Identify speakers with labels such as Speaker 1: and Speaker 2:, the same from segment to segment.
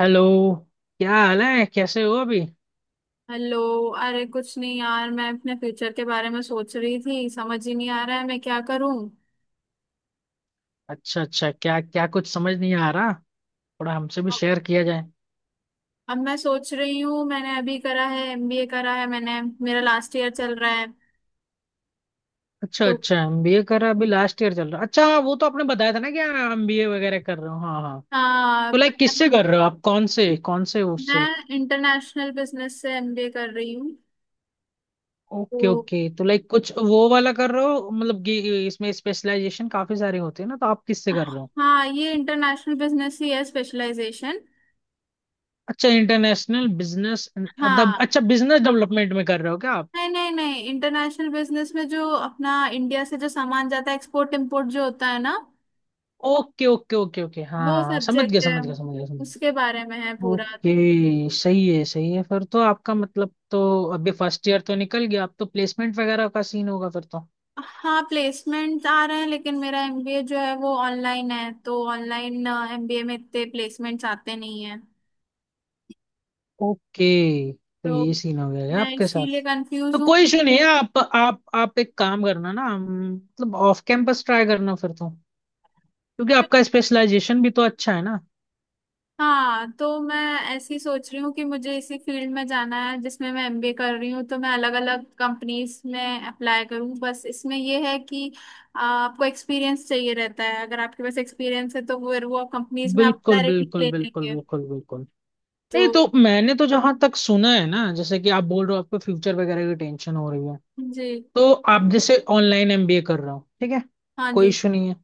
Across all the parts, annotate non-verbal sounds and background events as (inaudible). Speaker 1: Hello. क्या हाल है, कैसे हो अभी।
Speaker 2: हेलो। अरे कुछ नहीं यार, मैं अपने फ्यूचर के बारे में सोच रही थी। समझ ही नहीं आ रहा है मैं क्या करूं।
Speaker 1: अच्छा अच्छा, क्या क्या कुछ समझ नहीं आ रहा? थोड़ा हमसे भी
Speaker 2: अब
Speaker 1: शेयर किया जाए।
Speaker 2: अब मैं सोच रही हूँ, मैंने अभी करा है, एमबीए करा है मैंने। मेरा लास्ट ईयर चल रहा है।
Speaker 1: अच्छा
Speaker 2: तो
Speaker 1: अच्छा, एमबीए कर रहा, अभी लास्ट ईयर चल रहा। अच्छा हाँ, वो तो आपने बताया था ना, क्या एमबीए वगैरह कर रहे हो? हाँ हाँ।
Speaker 2: हाँ।
Speaker 1: तो लाइक किससे कर रहे हो आप, कौन से उससे?
Speaker 2: मैं इंटरनेशनल बिजनेस से एमबीए कर रही हूँ।
Speaker 1: ओके
Speaker 2: तो
Speaker 1: ओके, तो लाइक कुछ वो वाला कर रहे हो, मतलब कि इसमें स्पेशलाइजेशन काफी सारे होते हैं ना, तो आप किससे कर रहे हो?
Speaker 2: हाँ, ये इंटरनेशनल बिजनेस ही है स्पेशलाइजेशन।
Speaker 1: अच्छा, इंटरनेशनल बिजनेस।
Speaker 2: हाँ।
Speaker 1: अच्छा, बिजनेस डेवलपमेंट में कर रहे हो क्या आप?
Speaker 2: नहीं नहीं नहीं, इंटरनेशनल बिजनेस में जो अपना इंडिया से जो सामान जाता है, एक्सपोर्ट इम्पोर्ट जो होता है ना,
Speaker 1: ओके ओके ओके ओके, हाँ
Speaker 2: वो
Speaker 1: हाँ हाँ, समझ गया
Speaker 2: सब्जेक्ट है।
Speaker 1: समझ गया समझ गया समझ गया।
Speaker 2: उसके बारे में है पूरा।
Speaker 1: ओके, सही है सही है। फिर तो आपका मतलब तो अभी फर्स्ट ईयर तो निकल गया, अब तो प्लेसमेंट वगैरह का सीन होगा फिर तो।
Speaker 2: हाँ, प्लेसमेंट आ रहे हैं लेकिन मेरा एमबीए जो है वो ऑनलाइन है, तो ऑनलाइन एमबीए में इतने प्लेसमेंट्स आते नहीं है।
Speaker 1: ओके, तो
Speaker 2: तो
Speaker 1: ये सीन हो गया है
Speaker 2: मैं
Speaker 1: आपके साथ।
Speaker 2: इसीलिए कंफ्यूज
Speaker 1: तो
Speaker 2: हूँ।
Speaker 1: कोई इशू नहीं है, आप एक काम करना ना, मतलब ऑफ कैंपस ट्राई करना फिर तो। क्योंकि आपका स्पेशलाइजेशन भी तो अच्छा है ना।
Speaker 2: हाँ, तो मैं ऐसी सोच रही हूँ कि मुझे इसी फील्ड में जाना है जिसमें मैं एमबीए कर रही हूँ, तो मैं अलग अलग कंपनीज में अप्लाई करूँ। बस इसमें यह है कि आपको एक्सपीरियंस चाहिए रहता है। अगर आपके पास एक्सपीरियंस है तो फिर वो कंपनीज में आप
Speaker 1: बिल्कुल
Speaker 2: डायरेक्टली
Speaker 1: बिल्कुल
Speaker 2: ले
Speaker 1: बिल्कुल
Speaker 2: लेंगे।
Speaker 1: बिल्कुल बिल्कुल।
Speaker 2: तो
Speaker 1: नहीं तो मैंने तो जहां तक सुना है ना, जैसे कि आप बोल रहे हो आपको फ्यूचर वगैरह की टेंशन हो रही है,
Speaker 2: जी।
Speaker 1: तो आप जैसे ऑनलाइन एमबीए कर रहे हो, ठीक है,
Speaker 2: हाँ
Speaker 1: कोई
Speaker 2: जी।
Speaker 1: इशू नहीं है।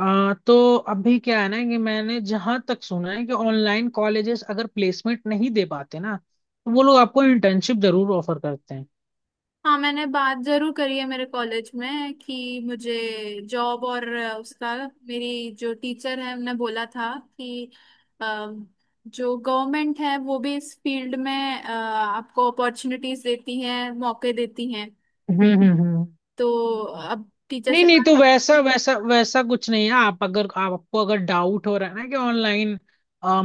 Speaker 1: तो अभी क्या है ना कि मैंने जहां तक सुना है कि ऑनलाइन कॉलेजेस अगर प्लेसमेंट नहीं दे पाते ना, तो वो लोग आपको इंटर्नशिप जरूर ऑफर करते हैं।
Speaker 2: हाँ, मैंने बात जरूर करी है मेरे कॉलेज में कि मुझे जॉब और उसका, मेरी जो टीचर है उन्होंने बोला था कि अ, जो गवर्नमेंट है वो भी इस फील्ड में आपको अपॉर्चुनिटीज देती है, मौके देती हैं।
Speaker 1: हम्म हम्म हम्म।
Speaker 2: तो अब टीचर
Speaker 1: नहीं
Speaker 2: से
Speaker 1: नहीं,
Speaker 2: बात।
Speaker 1: तो वैसा वैसा वैसा कुछ नहीं है। आप अगर आपको अगर डाउट हो रहा है ना कि ऑनलाइन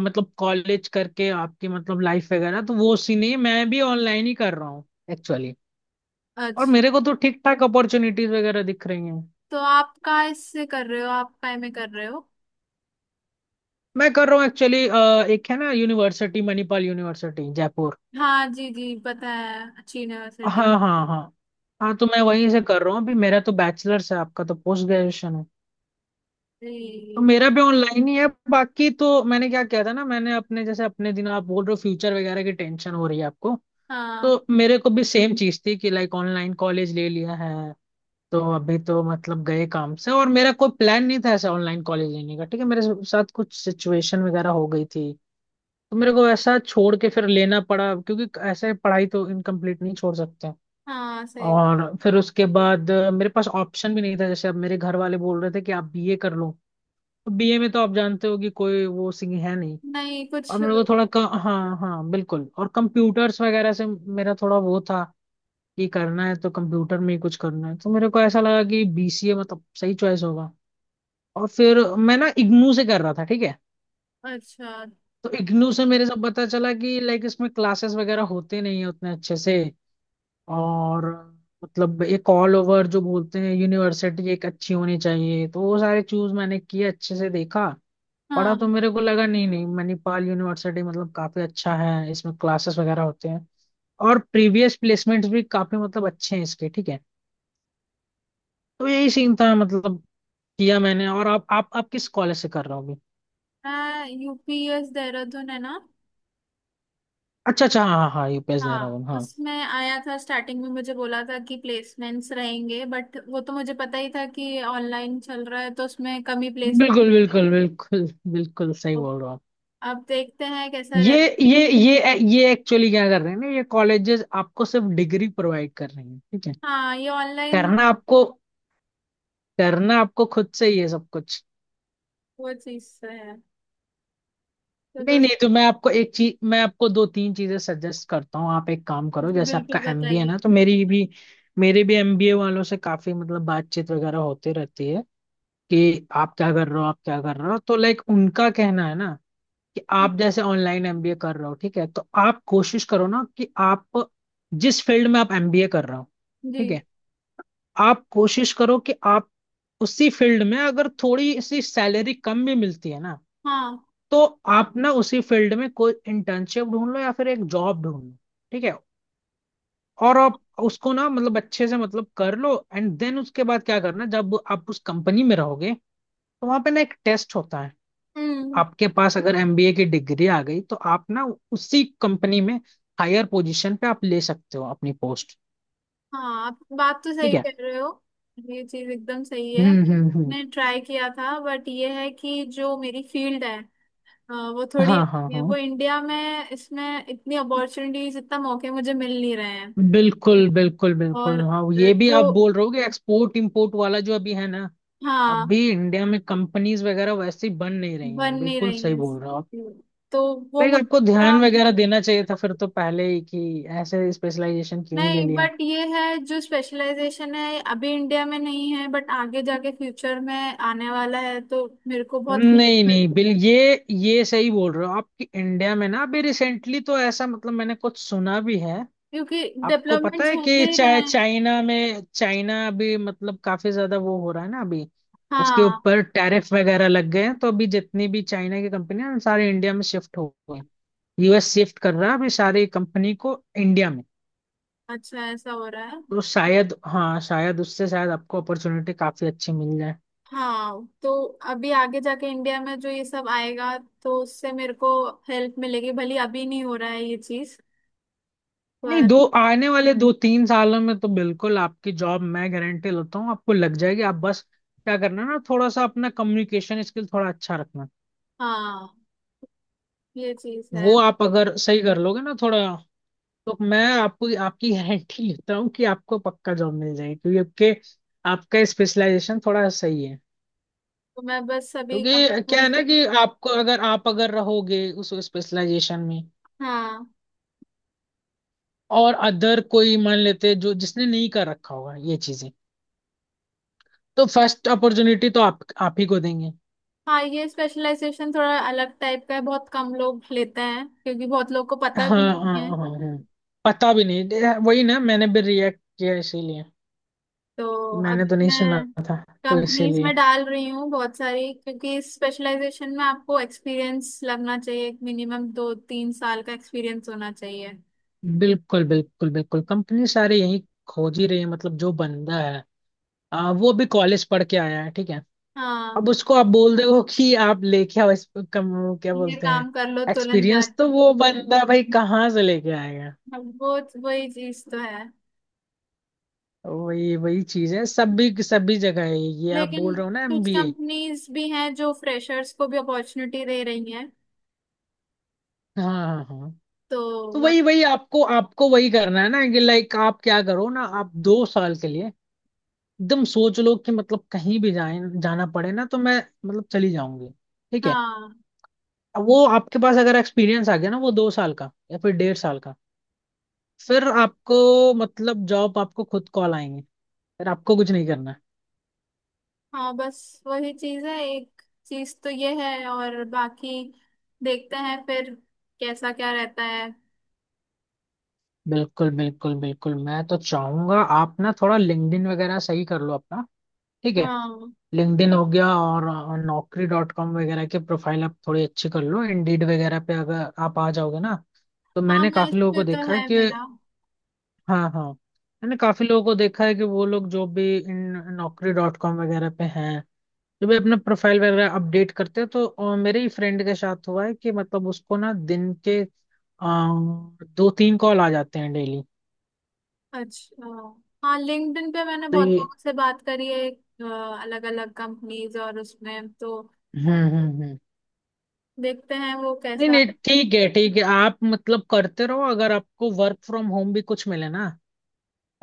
Speaker 1: मतलब कॉलेज करके आपकी मतलब लाइफ वगैरह, तो वो सीन नहीं है। मैं भी ऑनलाइन ही कर रहा हूँ एक्चुअली। और
Speaker 2: अच्छा।
Speaker 1: मेरे को तो ठीक ठाक अपॉर्चुनिटीज वगैरह दिख रही हैं।
Speaker 2: तो आप का इससे कर रहे हो? आप काय में कर रहे हो?
Speaker 1: मैं कर रहा हूँ एक्चुअली, एक है ना यूनिवर्सिटी, मणिपाल यूनिवर्सिटी जयपुर।
Speaker 2: हाँ जी जी, पता है, अच्छी
Speaker 1: हाँ
Speaker 2: यूनिवर्सिटी।
Speaker 1: हाँ हाँ। हाँ तो मैं वहीं से कर रहा हूँ अभी। मेरा तो बैचलर्स है, आपका तो पोस्ट ग्रेजुएशन है। तो
Speaker 2: जी।
Speaker 1: मेरा भी ऑनलाइन ही है। बाकी तो मैंने क्या किया था ना, मैंने अपने जैसे अपने दिन आप बोल रहे हो फ्यूचर वगैरह की टेंशन हो रही है आपको,
Speaker 2: हाँ।
Speaker 1: तो मेरे को भी सेम चीज थी कि लाइक ऑनलाइन कॉलेज ले लिया है। तो अभी तो मतलब गए काम से, और मेरा कोई प्लान नहीं था ऐसा ऑनलाइन कॉलेज लेने का, ठीक है। मेरे साथ कुछ सिचुएशन वगैरह हो गई थी, तो मेरे को ऐसा छोड़ के फिर लेना पड़ा, क्योंकि ऐसे पढ़ाई तो इनकम्प्लीट नहीं छोड़ सकते।
Speaker 2: हाँ सही।
Speaker 1: और फिर उसके बाद मेरे पास ऑप्शन भी नहीं था, जैसे अब मेरे घर वाले बोल रहे थे कि आप बीए कर लो। तो बीए में तो आप जानते हो कि कोई वो सिंह है नहीं,
Speaker 2: नहीं कुछ।
Speaker 1: और मेरे को थोड़ा हाँ हाँ बिल्कुल। और कंप्यूटर्स वगैरह से मेरा थोड़ा वो था कि करना है तो कंप्यूटर में ही कुछ करना है। तो मेरे को ऐसा लगा कि बीसीए मतलब सही चॉइस होगा। और फिर मैं ना इग्नू से कर रहा था, ठीक है।
Speaker 2: अच्छा।
Speaker 1: तो इग्नू से मेरे से पता चला कि लाइक इसमें क्लासेस वगैरह होते नहीं है उतने अच्छे से। और मतलब एक ऑल ओवर जो बोलते हैं यूनिवर्सिटी एक अच्छी होनी चाहिए, तो वो सारे चूज मैंने किए, अच्छे से देखा पढ़ा। तो
Speaker 2: हाँ,
Speaker 1: मेरे को लगा नहीं नहीं, मणिपाल यूनिवर्सिटी मतलब काफी अच्छा है, इसमें क्लासेस वगैरह होते हैं, और प्रीवियस प्लेसमेंट्स भी काफी मतलब अच्छे हैं इसके, ठीक है। तो यही सीन था मतलब, किया मैंने। और आप किस कॉलेज से कर रहे हो अभी?
Speaker 2: मैं यूपीएस देहरादून है ना।
Speaker 1: अच्छा अच्छा, हाँ हाँ हाँ, यूपीएस दे रहा
Speaker 2: हाँ,
Speaker 1: हूँ हाँ।
Speaker 2: उसमें आया था, स्टार्टिंग में मुझे बोला था कि प्लेसमेंट्स रहेंगे, बट वो तो मुझे पता ही था कि ऑनलाइन चल रहा है तो उसमें कमी प्लेसमेंट।
Speaker 1: बिल्कुल बिल्कुल बिल्कुल, बिल्कुल सही बोल रहा।
Speaker 2: अब देखते हैं कैसा रहता।
Speaker 1: ये ये एक्चुअली क्या कर रहे हैं ना, ये कॉलेजेस आपको सिर्फ डिग्री प्रोवाइड कर रहे हैं, ठीक है।
Speaker 2: हाँ ये ऑनलाइन।
Speaker 1: करना आपको करना आपको खुद से ही है सब कुछ।
Speaker 2: वो चीज से है। तो
Speaker 1: नहीं
Speaker 2: बस।
Speaker 1: नहीं, तो मैं आपको दो तीन चीजें सजेस्ट करता हूँ। आप एक काम करो,
Speaker 2: जी
Speaker 1: जैसे
Speaker 2: बिल्कुल,
Speaker 1: आपका एमबीए
Speaker 2: बताइए।
Speaker 1: ना, तो मेरी भी मेरे भी एमबीए वालों से काफी मतलब बातचीत वगैरह होती रहती है। कि आप क्या कर रहे हो, आप क्या कर रहे हो? तो लाइक उनका कहना है ना कि
Speaker 2: हम्म।
Speaker 1: आप जैसे ऑनलाइन एमबीए कर रहे हो, ठीक है, तो आप कोशिश करो ना कि आप जिस फील्ड में आप एमबीए कर रहे हो,
Speaker 2: जी।
Speaker 1: ठीक है, आप कोशिश करो कि आप उसी फील्ड में अगर थोड़ी सी सैलरी कम भी मिलती है ना,
Speaker 2: हाँ।
Speaker 1: तो आप ना उसी फील्ड में कोई इंटर्नशिप ढूंढ लो या फिर एक जॉब ढूंढ लो, ठीक है, और आप उसको ना मतलब अच्छे से मतलब कर लो, एंड देन उसके बाद क्या करना, जब आप उस कंपनी में रहोगे तो वहां पे ना एक टेस्ट होता है।
Speaker 2: हम्म।
Speaker 1: आपके पास अगर एमबीए की डिग्री आ गई तो आप ना उसी कंपनी में हायर पोजीशन पे आप ले सकते हो अपनी पोस्ट,
Speaker 2: हाँ, आप बात तो
Speaker 1: ठीक
Speaker 2: सही
Speaker 1: है।
Speaker 2: कह रहे हो। ये चीज एकदम सही है,
Speaker 1: हम्म,
Speaker 2: मैंने ट्राई किया था, बट ये है कि जो मेरी फील्ड है। हाँ, वो थोड़ी
Speaker 1: हाँ हाँ
Speaker 2: अलग है,
Speaker 1: हाँ,
Speaker 2: वो इंडिया में इसमें इतनी अपॉर्चुनिटीज, इतना मौके मुझे मिल नहीं रहे हैं।
Speaker 1: बिल्कुल बिल्कुल
Speaker 2: और
Speaker 1: बिल्कुल। हाँ ये भी
Speaker 2: जो।
Speaker 1: आप बोल रहे हो कि एक्सपोर्ट इंपोर्ट वाला जो अभी है ना,
Speaker 2: हाँ।
Speaker 1: अभी इंडिया में कंपनीज वगैरह वैसे ही बन नहीं रही
Speaker 2: बन
Speaker 1: हैं,
Speaker 2: नहीं
Speaker 1: बिल्कुल
Speaker 2: रही
Speaker 1: सही
Speaker 2: है।
Speaker 1: बोल रहे हो आप।
Speaker 2: तो वो
Speaker 1: लाइक आपको
Speaker 2: मुद्दा।
Speaker 1: ध्यान वगैरह देना चाहिए था फिर तो पहले ही, कि ऐसे स्पेशलाइजेशन क्यों ही ले
Speaker 2: नहीं,
Speaker 1: लिया।
Speaker 2: बट ये है जो स्पेशलाइजेशन है अभी इंडिया में नहीं है, बट आगे जाके फ्यूचर में आने वाला है तो मेरे को बहुत हेल्प
Speaker 1: नहीं नहीं,
Speaker 2: करेगा।
Speaker 1: बिल ये सही बोल रहे हो आपकी। इंडिया में ना अभी रिसेंटली तो ऐसा मतलब मैंने कुछ सुना भी है।
Speaker 2: क्योंकि
Speaker 1: आपको पता
Speaker 2: डेवलपमेंट्स
Speaker 1: है
Speaker 2: होते
Speaker 1: कि
Speaker 2: ही रहे हैं।
Speaker 1: चाइना अभी मतलब काफी ज्यादा वो हो रहा है ना अभी, उसके
Speaker 2: हाँ।
Speaker 1: ऊपर टैरिफ वगैरह लग गए हैं, तो अभी जितनी भी चाइना की कंपनी है सारे इंडिया में शिफ्ट हो गए। यूएस शिफ्ट कर रहा है अभी सारी कंपनी को इंडिया में।
Speaker 2: अच्छा, ऐसा हो रहा है।
Speaker 1: तो शायद, हाँ शायद उससे शायद आपको अपॉर्चुनिटी काफी अच्छी मिल जाए।
Speaker 2: हाँ, तो अभी आगे जाके इंडिया में जो ये सब आएगा तो उससे मेरे को हेल्प मिलेगी भली, अभी नहीं हो रहा है ये चीज।
Speaker 1: नहीं,
Speaker 2: पर
Speaker 1: दो आने वाले दो तीन सालों में तो बिल्कुल आपकी जॉब मैं गारंटी लेता हूँ, आपको लग जाएगी। आप बस क्या करना ना, थोड़ा सा अपना कम्युनिकेशन स्किल थोड़ा अच्छा रखना।
Speaker 2: हाँ, ये चीज है।
Speaker 1: वो आप अगर सही कर लोगे ना थोड़ा, तो मैं आपको आपकी गारंटी लेता हूँ कि आपको पक्का जॉब मिल जाएगी, क्योंकि आपके आपका स्पेशलाइजेशन थोड़ा सही है।
Speaker 2: तो मैं बस अभी
Speaker 1: क्योंकि क्या है ना कि आपको अगर आप अगर रहोगे उस स्पेशलाइजेशन में,
Speaker 2: हाँ
Speaker 1: और अदर कोई मान लेते जो जिसने नहीं कर रखा होगा ये चीजें, तो फर्स्ट अपॉर्चुनिटी तो आप ही को देंगे।
Speaker 2: हाँ, ये स्पेशलाइजेशन थोड़ा अलग टाइप का है, बहुत कम लोग लेते हैं, क्योंकि बहुत लोग को
Speaker 1: हाँ
Speaker 2: पता भी
Speaker 1: हाँ
Speaker 2: नहीं है।
Speaker 1: हाँ हाँ हाँ। पता भी नहीं वही ना, मैंने भी रिएक्ट किया इसीलिए।
Speaker 2: तो
Speaker 1: मैंने तो
Speaker 2: अभी
Speaker 1: नहीं सुना
Speaker 2: मैं
Speaker 1: था, तो
Speaker 2: कंपनीज
Speaker 1: इसीलिए।
Speaker 2: में डाल रही हूँ बहुत सारी, क्योंकि इस स्पेशलाइजेशन में आपको एक्सपीरियंस लगना चाहिए, मिनिमम 2-3 साल का एक्सपीरियंस होना चाहिए।
Speaker 1: बिल्कुल बिल्कुल बिल्कुल, कंपनी सारे यही खोज ही रही है, मतलब जो बंदा है वो भी कॉलेज पढ़ के आया है, ठीक है।
Speaker 2: हाँ,
Speaker 1: अब उसको आप बोल दो (laughs) कि आप लेके आओ इस, कम क्या
Speaker 2: ये
Speaker 1: बोलते हैं,
Speaker 2: काम कर लो तुरंत
Speaker 1: एक्सपीरियंस तो
Speaker 2: जाके।
Speaker 1: वो बंदा भाई कहाँ से लेके आएगा।
Speaker 2: अब वो, वही चीज तो है।
Speaker 1: वही वही चीज है, सभी सभी जगह है, ये आप
Speaker 2: लेकिन
Speaker 1: बोल रहे हो ना
Speaker 2: कुछ
Speaker 1: एमबीए।
Speaker 2: कंपनीज भी हैं जो फ्रेशर्स को भी अपॉर्चुनिटी दे रही हैं।
Speaker 1: हाँ हाँ हाँ।
Speaker 2: तो
Speaker 1: तो
Speaker 2: बस।
Speaker 1: वही वही आपको आपको वही करना है ना, कि लाइक आप क्या करो ना, आप 2 साल के लिए एकदम सोच लो कि मतलब कहीं भी जाए जाना पड़े ना तो मैं मतलब चली जाऊंगी, ठीक है।
Speaker 2: हाँ
Speaker 1: अब वो आपके पास अगर एक्सपीरियंस आ गया ना, वो 2 साल का या फिर डेढ़ साल का, फिर आपको मतलब जॉब आपको खुद कॉल आएंगे, फिर आपको कुछ नहीं करना है।
Speaker 2: हाँ, बस वही चीज है, एक चीज तो ये है, और बाकी देखते हैं फिर कैसा क्या रहता है।
Speaker 1: बिल्कुल बिल्कुल बिल्कुल, मैं तो चाहूंगा आप ना थोड़ा लिंक्डइन वगैरह सही कर लो अपना, ठीक है।
Speaker 2: हाँ
Speaker 1: लिंक्डइन हो गया, और naukri.com वगैरह के प्रोफाइल आप थोड़ी अच्छी कर लो, इंडीड वगैरह पे अगर आप आ जाओगे ना, तो
Speaker 2: हाँ,
Speaker 1: मैंने
Speaker 2: मैं इस
Speaker 1: काफी लोगों
Speaker 2: पे
Speaker 1: को
Speaker 2: तो
Speaker 1: देखा है
Speaker 2: है
Speaker 1: कि,
Speaker 2: मेरा।
Speaker 1: हाँ हाँ, मैंने काफी लोगों को देखा है कि वो लोग जो भी इन naukri.com वगैरह पे हैं, जो भी अपना प्रोफाइल वगैरह अपडेट करते हैं, तो मेरे ही फ्रेंड के साथ हुआ है कि मतलब उसको ना दिन के अ, दो तीन कॉल आ जाते हैं डेली।
Speaker 2: अच्छा। हाँ, लिंक्डइन पे मैंने
Speaker 1: तो
Speaker 2: बहुत
Speaker 1: ये,
Speaker 2: लोगों से बात करी है, अलग अलग कंपनीज, और उसमें तो
Speaker 1: हम्म,
Speaker 2: देखते हैं वो
Speaker 1: नहीं
Speaker 2: कैसा।
Speaker 1: नहीं, ठीक है ठीक है, आप मतलब करते रहो। अगर आपको वर्क फ्रॉम होम भी कुछ मिले ना,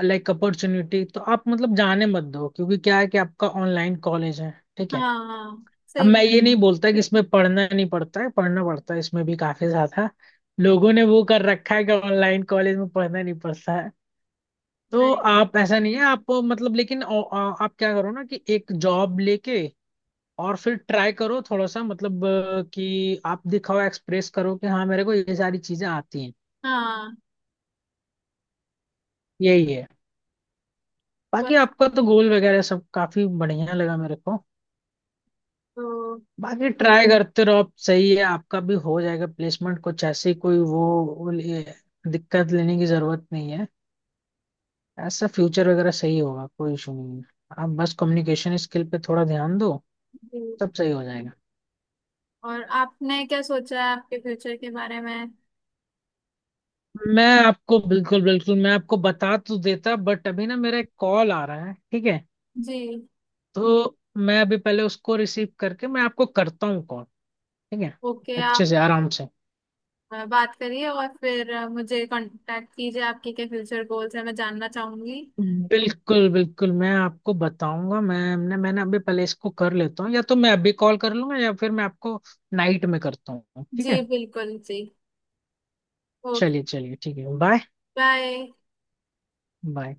Speaker 1: लाइक अपॉर्चुनिटी, तो आप मतलब जाने मत दो, क्योंकि क्या है कि आपका ऑनलाइन कॉलेज है, ठीक है।
Speaker 2: हाँ
Speaker 1: अब
Speaker 2: सही
Speaker 1: मैं
Speaker 2: कह
Speaker 1: ये
Speaker 2: रहे
Speaker 1: नहीं
Speaker 2: हो।
Speaker 1: बोलता कि इसमें पढ़ना नहीं पड़ता है, पढ़ना पड़ता है इसमें भी काफी ज्यादा। लोगों ने वो कर रखा है कि ऑनलाइन कॉलेज में पढ़ना नहीं पड़ता है, तो
Speaker 2: नहीं।
Speaker 1: आप ऐसा नहीं है। आप मतलब लेकिन आप क्या करो ना, कि एक जॉब लेके, और फिर ट्राई करो थोड़ा सा मतलब कि आप दिखाओ एक्सप्रेस करो कि हाँ, मेरे को ये सारी चीजें आती हैं।
Speaker 2: हाँ
Speaker 1: यही है। बाकी
Speaker 2: बस।
Speaker 1: आपका तो गोल वगैरह सब काफी बढ़िया लगा मेरे को।
Speaker 2: तो
Speaker 1: बाकी ट्राई करते रहो आप, सही है, आपका भी हो जाएगा प्लेसमेंट। कुछ ऐसी कोई वो दिक्कत लेने की जरूरत नहीं है। ऐसा फ्यूचर वगैरह सही होगा, कोई इशू नहीं है। आप बस कम्युनिकेशन स्किल पे थोड़ा ध्यान दो,
Speaker 2: जी।
Speaker 1: सब सही हो जाएगा।
Speaker 2: और आपने क्या सोचा है आपके फ्यूचर के बारे में?
Speaker 1: मैं आपको बिल्कुल बिल्कुल, मैं आपको बता तो देता, बट अभी ना मेरा एक कॉल आ रहा है, ठीक है।
Speaker 2: जी।
Speaker 1: तो मैं अभी पहले उसको रिसीव करके मैं आपको करता हूँ कॉल, ठीक है,
Speaker 2: ओके,
Speaker 1: अच्छे
Speaker 2: आप
Speaker 1: से आराम से।
Speaker 2: बात करिए और फिर मुझे कांटेक्ट कीजिए, आपके क्या फ्यूचर गोल्स हैं मैं जानना चाहूंगी।
Speaker 1: बिल्कुल बिल्कुल मैं आपको बताऊंगा, मैंने अभी पहले इसको कर लेता हूँ, या तो मैं अभी कॉल कर लूंगा या फिर मैं आपको नाइट में करता हूँ, ठीक
Speaker 2: जी
Speaker 1: है।
Speaker 2: बिल्कुल, जी। ओके
Speaker 1: चलिए चलिए, ठीक है, बाय।
Speaker 2: बाय।
Speaker 1: बाय।